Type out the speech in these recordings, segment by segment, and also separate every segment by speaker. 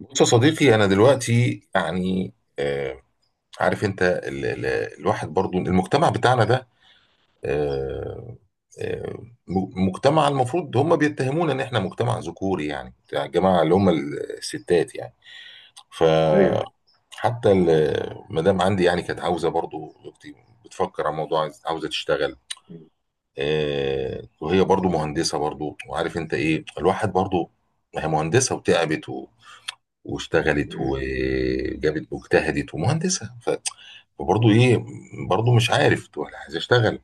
Speaker 1: بص يا صديقي، انا دلوقتي يعني، آه عارف انت، ال ال الواحد برضو المجتمع بتاعنا ده. آه آه مجتمع المفروض هم بيتهمونا ان احنا مجتمع ذكوري، يعني بتاع الجماعه اللي هم الستات يعني.
Speaker 2: ايوه.
Speaker 1: فحتى ال- المدام عندي يعني كانت عاوزه، برضو اختي بتفكر على موضوع عاوزه تشتغل. آه، وهي برضو مهندسه، برضو وعارف انت ايه الواحد برضو. ما هي مهندسه وتعبت واشتغلت
Speaker 2: مم.
Speaker 1: وجابت واجتهدت ومهندسه فبرضه ايه، برضه مش عارف تقول أنا عايز اشتغل.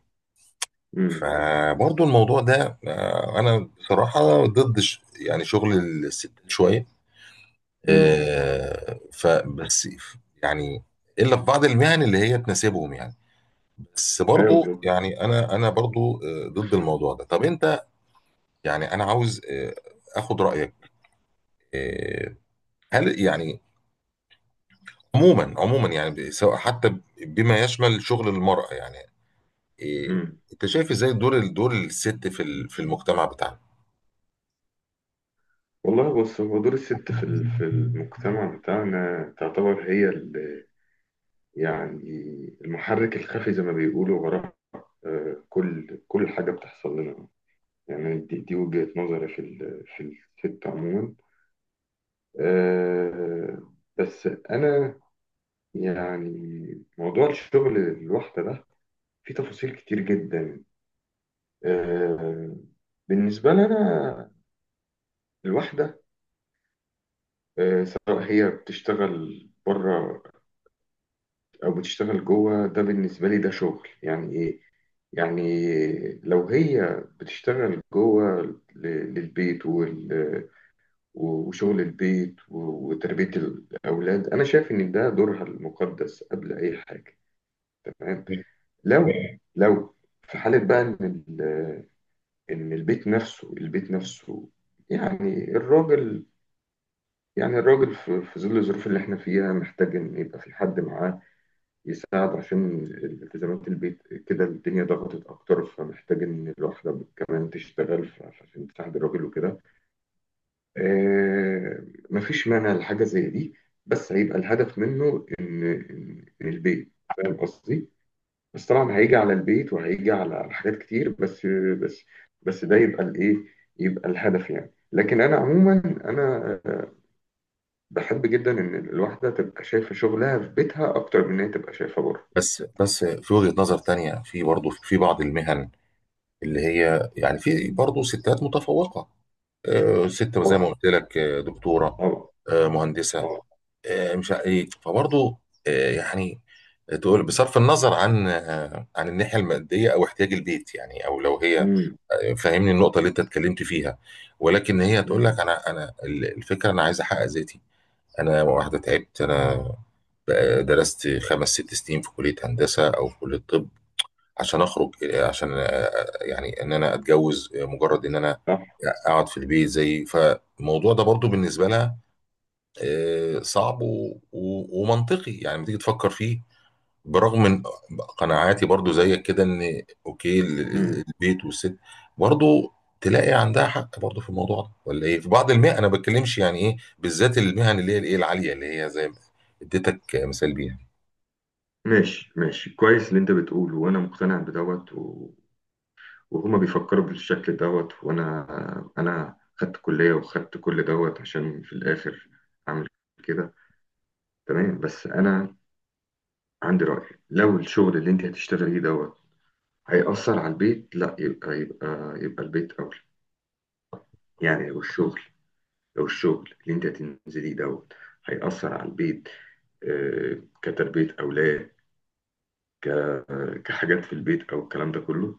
Speaker 2: مم.
Speaker 1: فبرضه الموضوع ده، انا بصراحه ضد يعني شغل الستات شويه.
Speaker 2: مم.
Speaker 1: فبس يعني الا في بعض المهن اللي هي تناسبهم يعني. بس
Speaker 2: ايوه
Speaker 1: برضه
Speaker 2: بالظبط.
Speaker 1: يعني انا انا برضه، ضد الموضوع ده. طب انت يعني انا عاوز، اخد رايك. آه، هل يعني عموما يعني، سواء حتى بما يشمل شغل المرأة، يعني إيه؟
Speaker 2: مم.
Speaker 1: انت شايف ازاي دور الست في في المجتمع بتاعنا؟
Speaker 2: والله بص، هو دور الست في المجتمع بتاعنا تعتبر هي يعني المحرك الخفي زي ما بيقولوا وراء كل حاجه بتحصل لنا. يعني دي وجهه نظري في الست عموما. بس انا يعني موضوع الشغل الواحده ده فيه تفاصيل كتير جدا، آه، بالنسبه لنا الواحده، سواء هي بتشتغل بره او بتشتغل جوه، ده بالنسبه لي ده شغل يعني ايه. يعني لو هي بتشتغل جوه ل- للبيت وشغل البيت وتربيه الاولاد، انا شايف ان ده دورها المقدس قبل اي حاجه. تمام. لو لو في حاله بقى ان البيت نفسه يعني الراجل، في ظل الظروف اللي احنا فيها، محتاج ان يبقى في حد معاه يساعد، عشان التزامات البيت كده الدنيا ضغطت اكتر، فمحتاج ان الواحده كمان تشتغل عشان تساعد الراجل وكده. آه، مفيش مانع لحاجه زي دي، بس هيبقى الهدف منه ان إن- إن البيت فاهم قصدي. بس طبعا هيجي على البيت وهيجي على حاجات كتير، بس بس ده يبقى الايه، يبقى الهدف يعني. لكن انا عموما، انا آه، بحب جدا ان الواحده تبقى شايفه شغلها في بيتها اكتر من ان هي تبقى شايفه بره.
Speaker 1: بس بس في وجهة نظر تانية، في برضه في بعض المهن اللي هي يعني في برضه ستات متفوقة. ست زي ما
Speaker 2: طبعا.
Speaker 1: قلت لك، دكتورة،
Speaker 2: طبعا.
Speaker 1: مهندسة.
Speaker 2: طبعاً.
Speaker 1: مش ع- ايه فبرضه، يعني تقول بصرف النظر عن، عن الناحية المادية او احتياج البيت، يعني او لو هي
Speaker 2: امم.
Speaker 1: فاهمني النقطه اللي انت اتكلمت فيها. ولكن هي هتقول
Speaker 2: امم.
Speaker 1: لك انا انا الفكره، انا عايز احقق ذاتي. انا واحده تعبت، انا بقى درست خمس ست سنين في كليه هندسه او في كليه طب عشان اخرج، عشان يعني ان انا اتجوز مجرد ان انا
Speaker 2: صح.
Speaker 1: اقعد في البيت زي. فالموضوع ده برضو بالنسبه لها، صعب ومنطقي يعني لما تيجي تفكر فيه. برغم من قناعاتي برضو زيك كده ان اوكي
Speaker 2: امم.
Speaker 1: البيت والست برضو تلاقي عندها حق برضو في الموضوع ده. ولا ايه، في بعض المهن انا بتكلمش يعني ايه، بالذات المهن اللي هي الايه العاليه، اللي هي زي ما اديتك مثال بيها.
Speaker 2: ماشي، ماشي، كويس اللي انت بتقوله، وانا مقتنع بدوت وهما بيفكروا بالشكل دوت. وانا خدت كلية وخدت كل دوت عشان في الاخر اعمل كده. تمام. بس انا عندي رأي، لو الشغل اللي انت هتشتغليه دوت هيأثر على البيت، لا، يبقى البيت اولى. يعني لو الشغل اللي انت هتنزليه دوت هيأثر على البيت، كتربية اولاد، كحاجات في البيت او الكلام ده كله،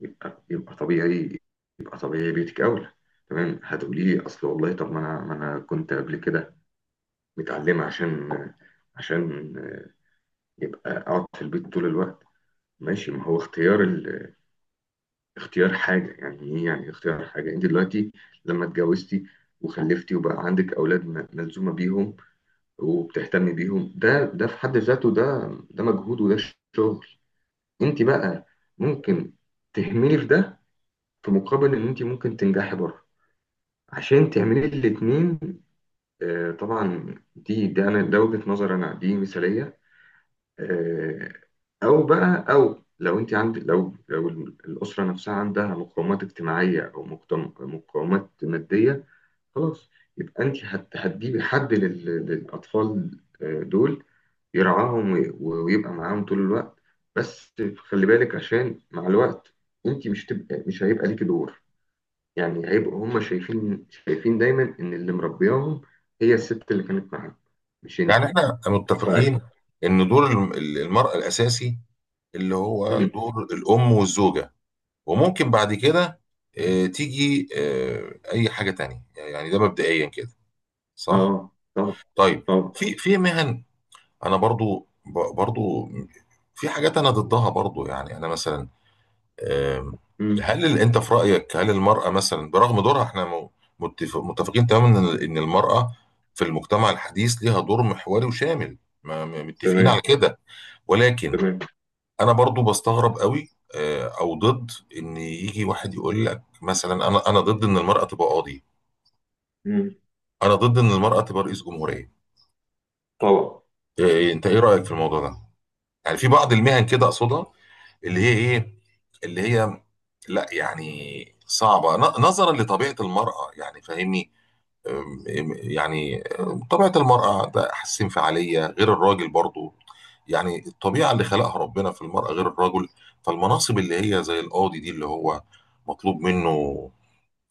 Speaker 2: يبقى يبقى طبيعي يبقى طبيعي بيتك اولى. تمام. هتقولي لي اصل والله، طب ما انا كنت قبل كده متعلمه عشان يبقى اقعد في البيت طول الوقت. ماشي. ما هو اختيار اختيار حاجه يعني ايه. يعني اختيار حاجه، انت دلوقتي لما اتجوزتي وخلفتي وبقى عندك اولاد ملزومه بيهم وبتهتمي بيهم، ده في حد ذاته، ده مجهود وده شغل. انت بقى ممكن تهملي في ده في مقابل ان انت ممكن تنجحي بره عشان تعملي الاتنين. طبعا دي ده انا ده وجهة نظر انا دي مثالية. آه، او بقى او لو انت عند لو لو الاسرة نفسها عندها مقومات اجتماعية او مقومات مادية، خلاص يبقى انت هتجيبي حد للاطفال دول يرعاهم ويبقى معاهم طول الوقت. بس خلي بالك، عشان مع الوقت انت مش هيبقى ليكي دور. يعني هيبقوا هم شايفين دايما ان اللي مربياهم هي الست اللي كانت معاهم، مش
Speaker 1: يعني
Speaker 2: انتي.
Speaker 1: احنا
Speaker 2: ف...
Speaker 1: متفقين ان دور المرأة الاساسي اللي هو
Speaker 2: مم.
Speaker 1: دور الام والزوجة. وممكن بعد كده تيجي اي حاجة تانية يعني، ده مبدئيا كده صح.
Speaker 2: اه. طبعا.
Speaker 1: طيب،
Speaker 2: طبعا.
Speaker 1: في في مهن انا برضو، برضو في حاجات انا ضدها برضو، يعني انا مثلا آم،
Speaker 2: مم.
Speaker 1: هل انت في رايك، هل المراه مثلا برغم دورها احنا متفقين تماما ان إن المراه في المجتمع الحديث ليها دور محوري وشامل، متفقين
Speaker 2: تمام.
Speaker 1: على كده؟ ولكن
Speaker 2: تمام.
Speaker 1: انا برضو بستغرب قوي، او ضد ان يجي واحد يقول لك مثلا، انا انا ضد ان المراه تبقى قاضي،
Speaker 2: مم.
Speaker 1: انا ضد ان المراه تبقى رئيس جمهوريه.
Speaker 2: طبعا.
Speaker 1: انت ايه رايك في الموضوع ده؟ يعني في بعض المهن كده اقصدها، اللي هي ايه، اللي هي لا يعني صعبة، نظرا لطبيعة المرأة يعني فاهمني. أم- أم- يعني أم، طبيعة المرأة ده، حاسس انفعالية غير الراجل برضو، يعني الطبيعة اللي خلقها ربنا في المرأة غير الرجل. فالمناصب اللي هي زي القاضي دي، اللي هو مطلوب منه،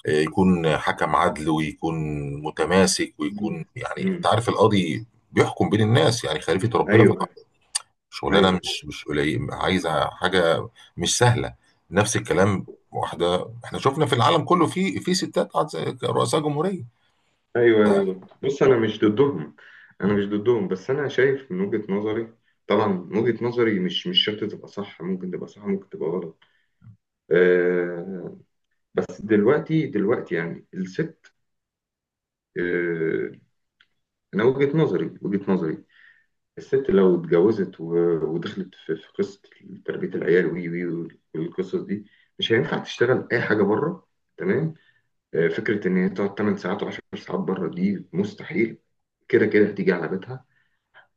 Speaker 1: يكون حكم عدل، ويكون متماسك، ويكون
Speaker 2: مم.
Speaker 1: يعني انت
Speaker 2: مم.
Speaker 1: عارف القاضي بيحكم بين الناس، يعني خليفة ربنا في.
Speaker 2: ايوه.
Speaker 1: شغلانه
Speaker 2: ايوه.
Speaker 1: مش قليل، عايزه حاجه مش سهله. نفس الكلام، واحده احنا شفنا في العالم كله في ستات رؤساء جمهوريه.
Speaker 2: ايوه بالظبط. بص، انا مش ضدهم، بس انا شايف من وجهة نظري، طبعا من وجهة نظري، مش شرط تبقى صح، ممكن تبقى صح ممكن تبقى غلط. آه بس دلوقتي يعني الست، آه انا وجهة نظري، الست لو اتجوزت ودخلت في قصة تربية العيال وي وي والقصص دي، مش هينفع تشتغل اي حاجة بره. تمام. فكرة ان هي تقعد 8 ساعات و10 ساعات بره دي مستحيل، كده كده هتيجي على بيتها.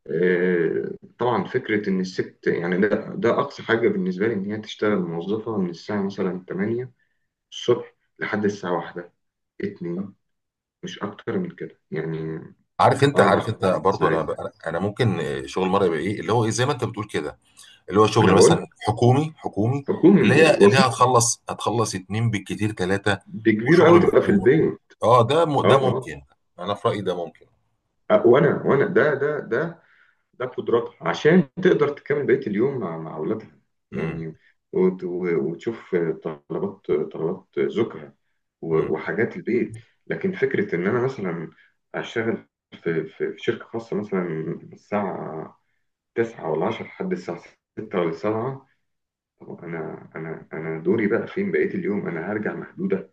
Speaker 2: آه، طبعا فكرة ان الست يعني ده اقصى حاجة بالنسبة لي ان هي تشتغل موظفة من الساعة مثلا 8 الصبح لحد الساعة واحدة، اتنين، مش اكتر من كده يعني،
Speaker 1: عارف انت
Speaker 2: اربع
Speaker 1: عارف انت
Speaker 2: خمس
Speaker 1: برضو، انا
Speaker 2: ساعات.
Speaker 1: انا أنا ممكن شغل مره يبقى ايه، اللي هو ايه زي ما انت بتقول كده، اللي هو
Speaker 2: انا
Speaker 1: شغل
Speaker 2: بقول
Speaker 1: مثلا حكومي حكومي. اللي
Speaker 2: حكومي،
Speaker 1: هي
Speaker 2: وظيفه
Speaker 1: هتخلص اتنين بالكتير ثلاثه.
Speaker 2: دي كبيره قوي
Speaker 1: وشغل
Speaker 2: تبقى في البين.
Speaker 1: اه،
Speaker 2: اه.
Speaker 1: ده
Speaker 2: اه.
Speaker 1: ممكن. انا في رايي ده ممكن.
Speaker 2: وانا ده قدراتها عشان تقدر تكمل بقيه اليوم مع اولادها
Speaker 1: امم.
Speaker 2: يعني. وتشوف طلبات زوجها
Speaker 1: امم.
Speaker 2: وحاجات البيت. لكن فكره ان انا مثلا اشتغل في شركه خاصه مثلا من الساعه 9 ولا 10 لحد الساعه 6 ولا 7، طب انا انا دوري بقى فين بقيه اليوم؟ انا هرجع مهدوده.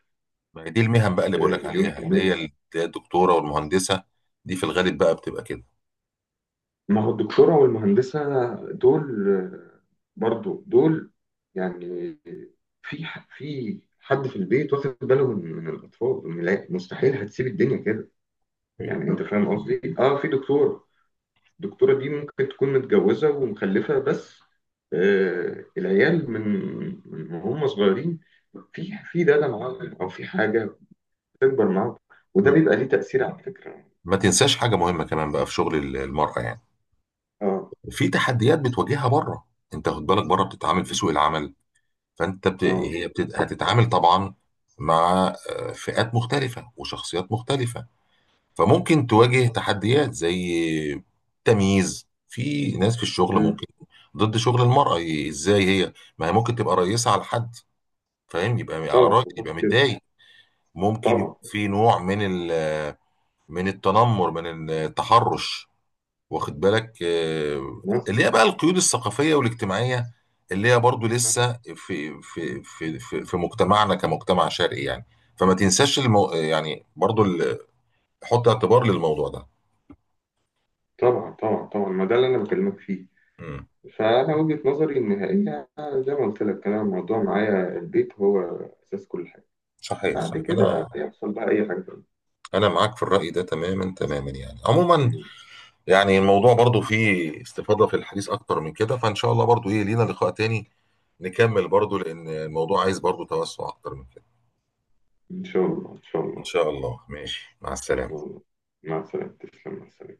Speaker 1: ما هي دي المهن بقى اللي بقول لك
Speaker 2: مليون في
Speaker 1: عليها، اللي هي
Speaker 2: المية.
Speaker 1: الدكتوره والمهندسه، دي في الغالب بقى بتبقى كده.
Speaker 2: ما هو الدكتورة والمهندسة دول، برضو دول يعني في حد في البيت واخد باله من الأطفال، لا، مستحيل هتسيب الدنيا كده.
Speaker 1: ايوه.
Speaker 2: يعني أنت فاهم قصدي؟ أه، في دكتورة، الدكتورة دي ممكن تكون متجوزة ومخلفة، بس العيال من هم صغيرين في داده معاهم أو في حاجة بتكبر معاهم، وده
Speaker 1: م-
Speaker 2: بيبقى ليه تأثير على فكرة.
Speaker 1: ما تنساش حاجه مهمه كمان بقى في شغل المراه، يعني
Speaker 2: أه.
Speaker 1: في تحديات بتواجهها بره. انت خد بالك، بره بتتعامل في سوق العمل. فانت بت...
Speaker 2: اه.
Speaker 1: هي بت... هتتعامل طبعا مع، فئات مختلفه وشخصيات مختلفه. فممكن
Speaker 2: بالظبط.
Speaker 1: تواجه تحديات زي تمييز في ناس في الشغل،
Speaker 2: مم.
Speaker 1: ممكن ضد شغل المرأة. ازاي هي، ما هي ممكن تبقى رئيسة على حد فاهم، يبقى على
Speaker 2: طبعا
Speaker 1: رأي
Speaker 2: بالظبط
Speaker 1: يبقى
Speaker 2: كده.
Speaker 1: متضايق. ممكن يكون
Speaker 2: طبعا.
Speaker 1: في نوع من ال- من التنمر، من التحرش. واخد بالك،
Speaker 2: ناس.
Speaker 1: اللي هي بقى القيود الثقافية والاجتماعية اللي هي برضو لسه في مجتمعنا كمجتمع شرقي يعني. فما تنساش يعني برضو حط اعتبار للموضوع ده.
Speaker 2: طبعا. طبعا. طبعا. ما ده اللي انا بكلمك فيه.
Speaker 1: مم.
Speaker 2: فانا وجهة نظري ان هي، زي ما قلت لك، انا الموضوع معايا البيت هو اساس كل حاجه،
Speaker 1: صحيح،
Speaker 2: بعد
Speaker 1: صحيح انا،
Speaker 2: كده يحصل بقى اي حاجه تانية.
Speaker 1: انا معاك في الرأي ده تماما تماما، يعني عموما.
Speaker 2: مم.
Speaker 1: يعني الموضوع برضو فيه استفاضة في الحديث أكتر من كده، فإن شاء الله برضو إيه لينا لقاء تاني نكمل، برضو لأن الموضوع عايز برضو توسع أكتر من كده.
Speaker 2: ان شاء الله. ان شاء
Speaker 1: إن
Speaker 2: الله.
Speaker 1: شاء الله. ماشي، مع
Speaker 2: ان شاء
Speaker 1: السلامة.
Speaker 2: الله. مع السلامه. تسلم، مع السلامه.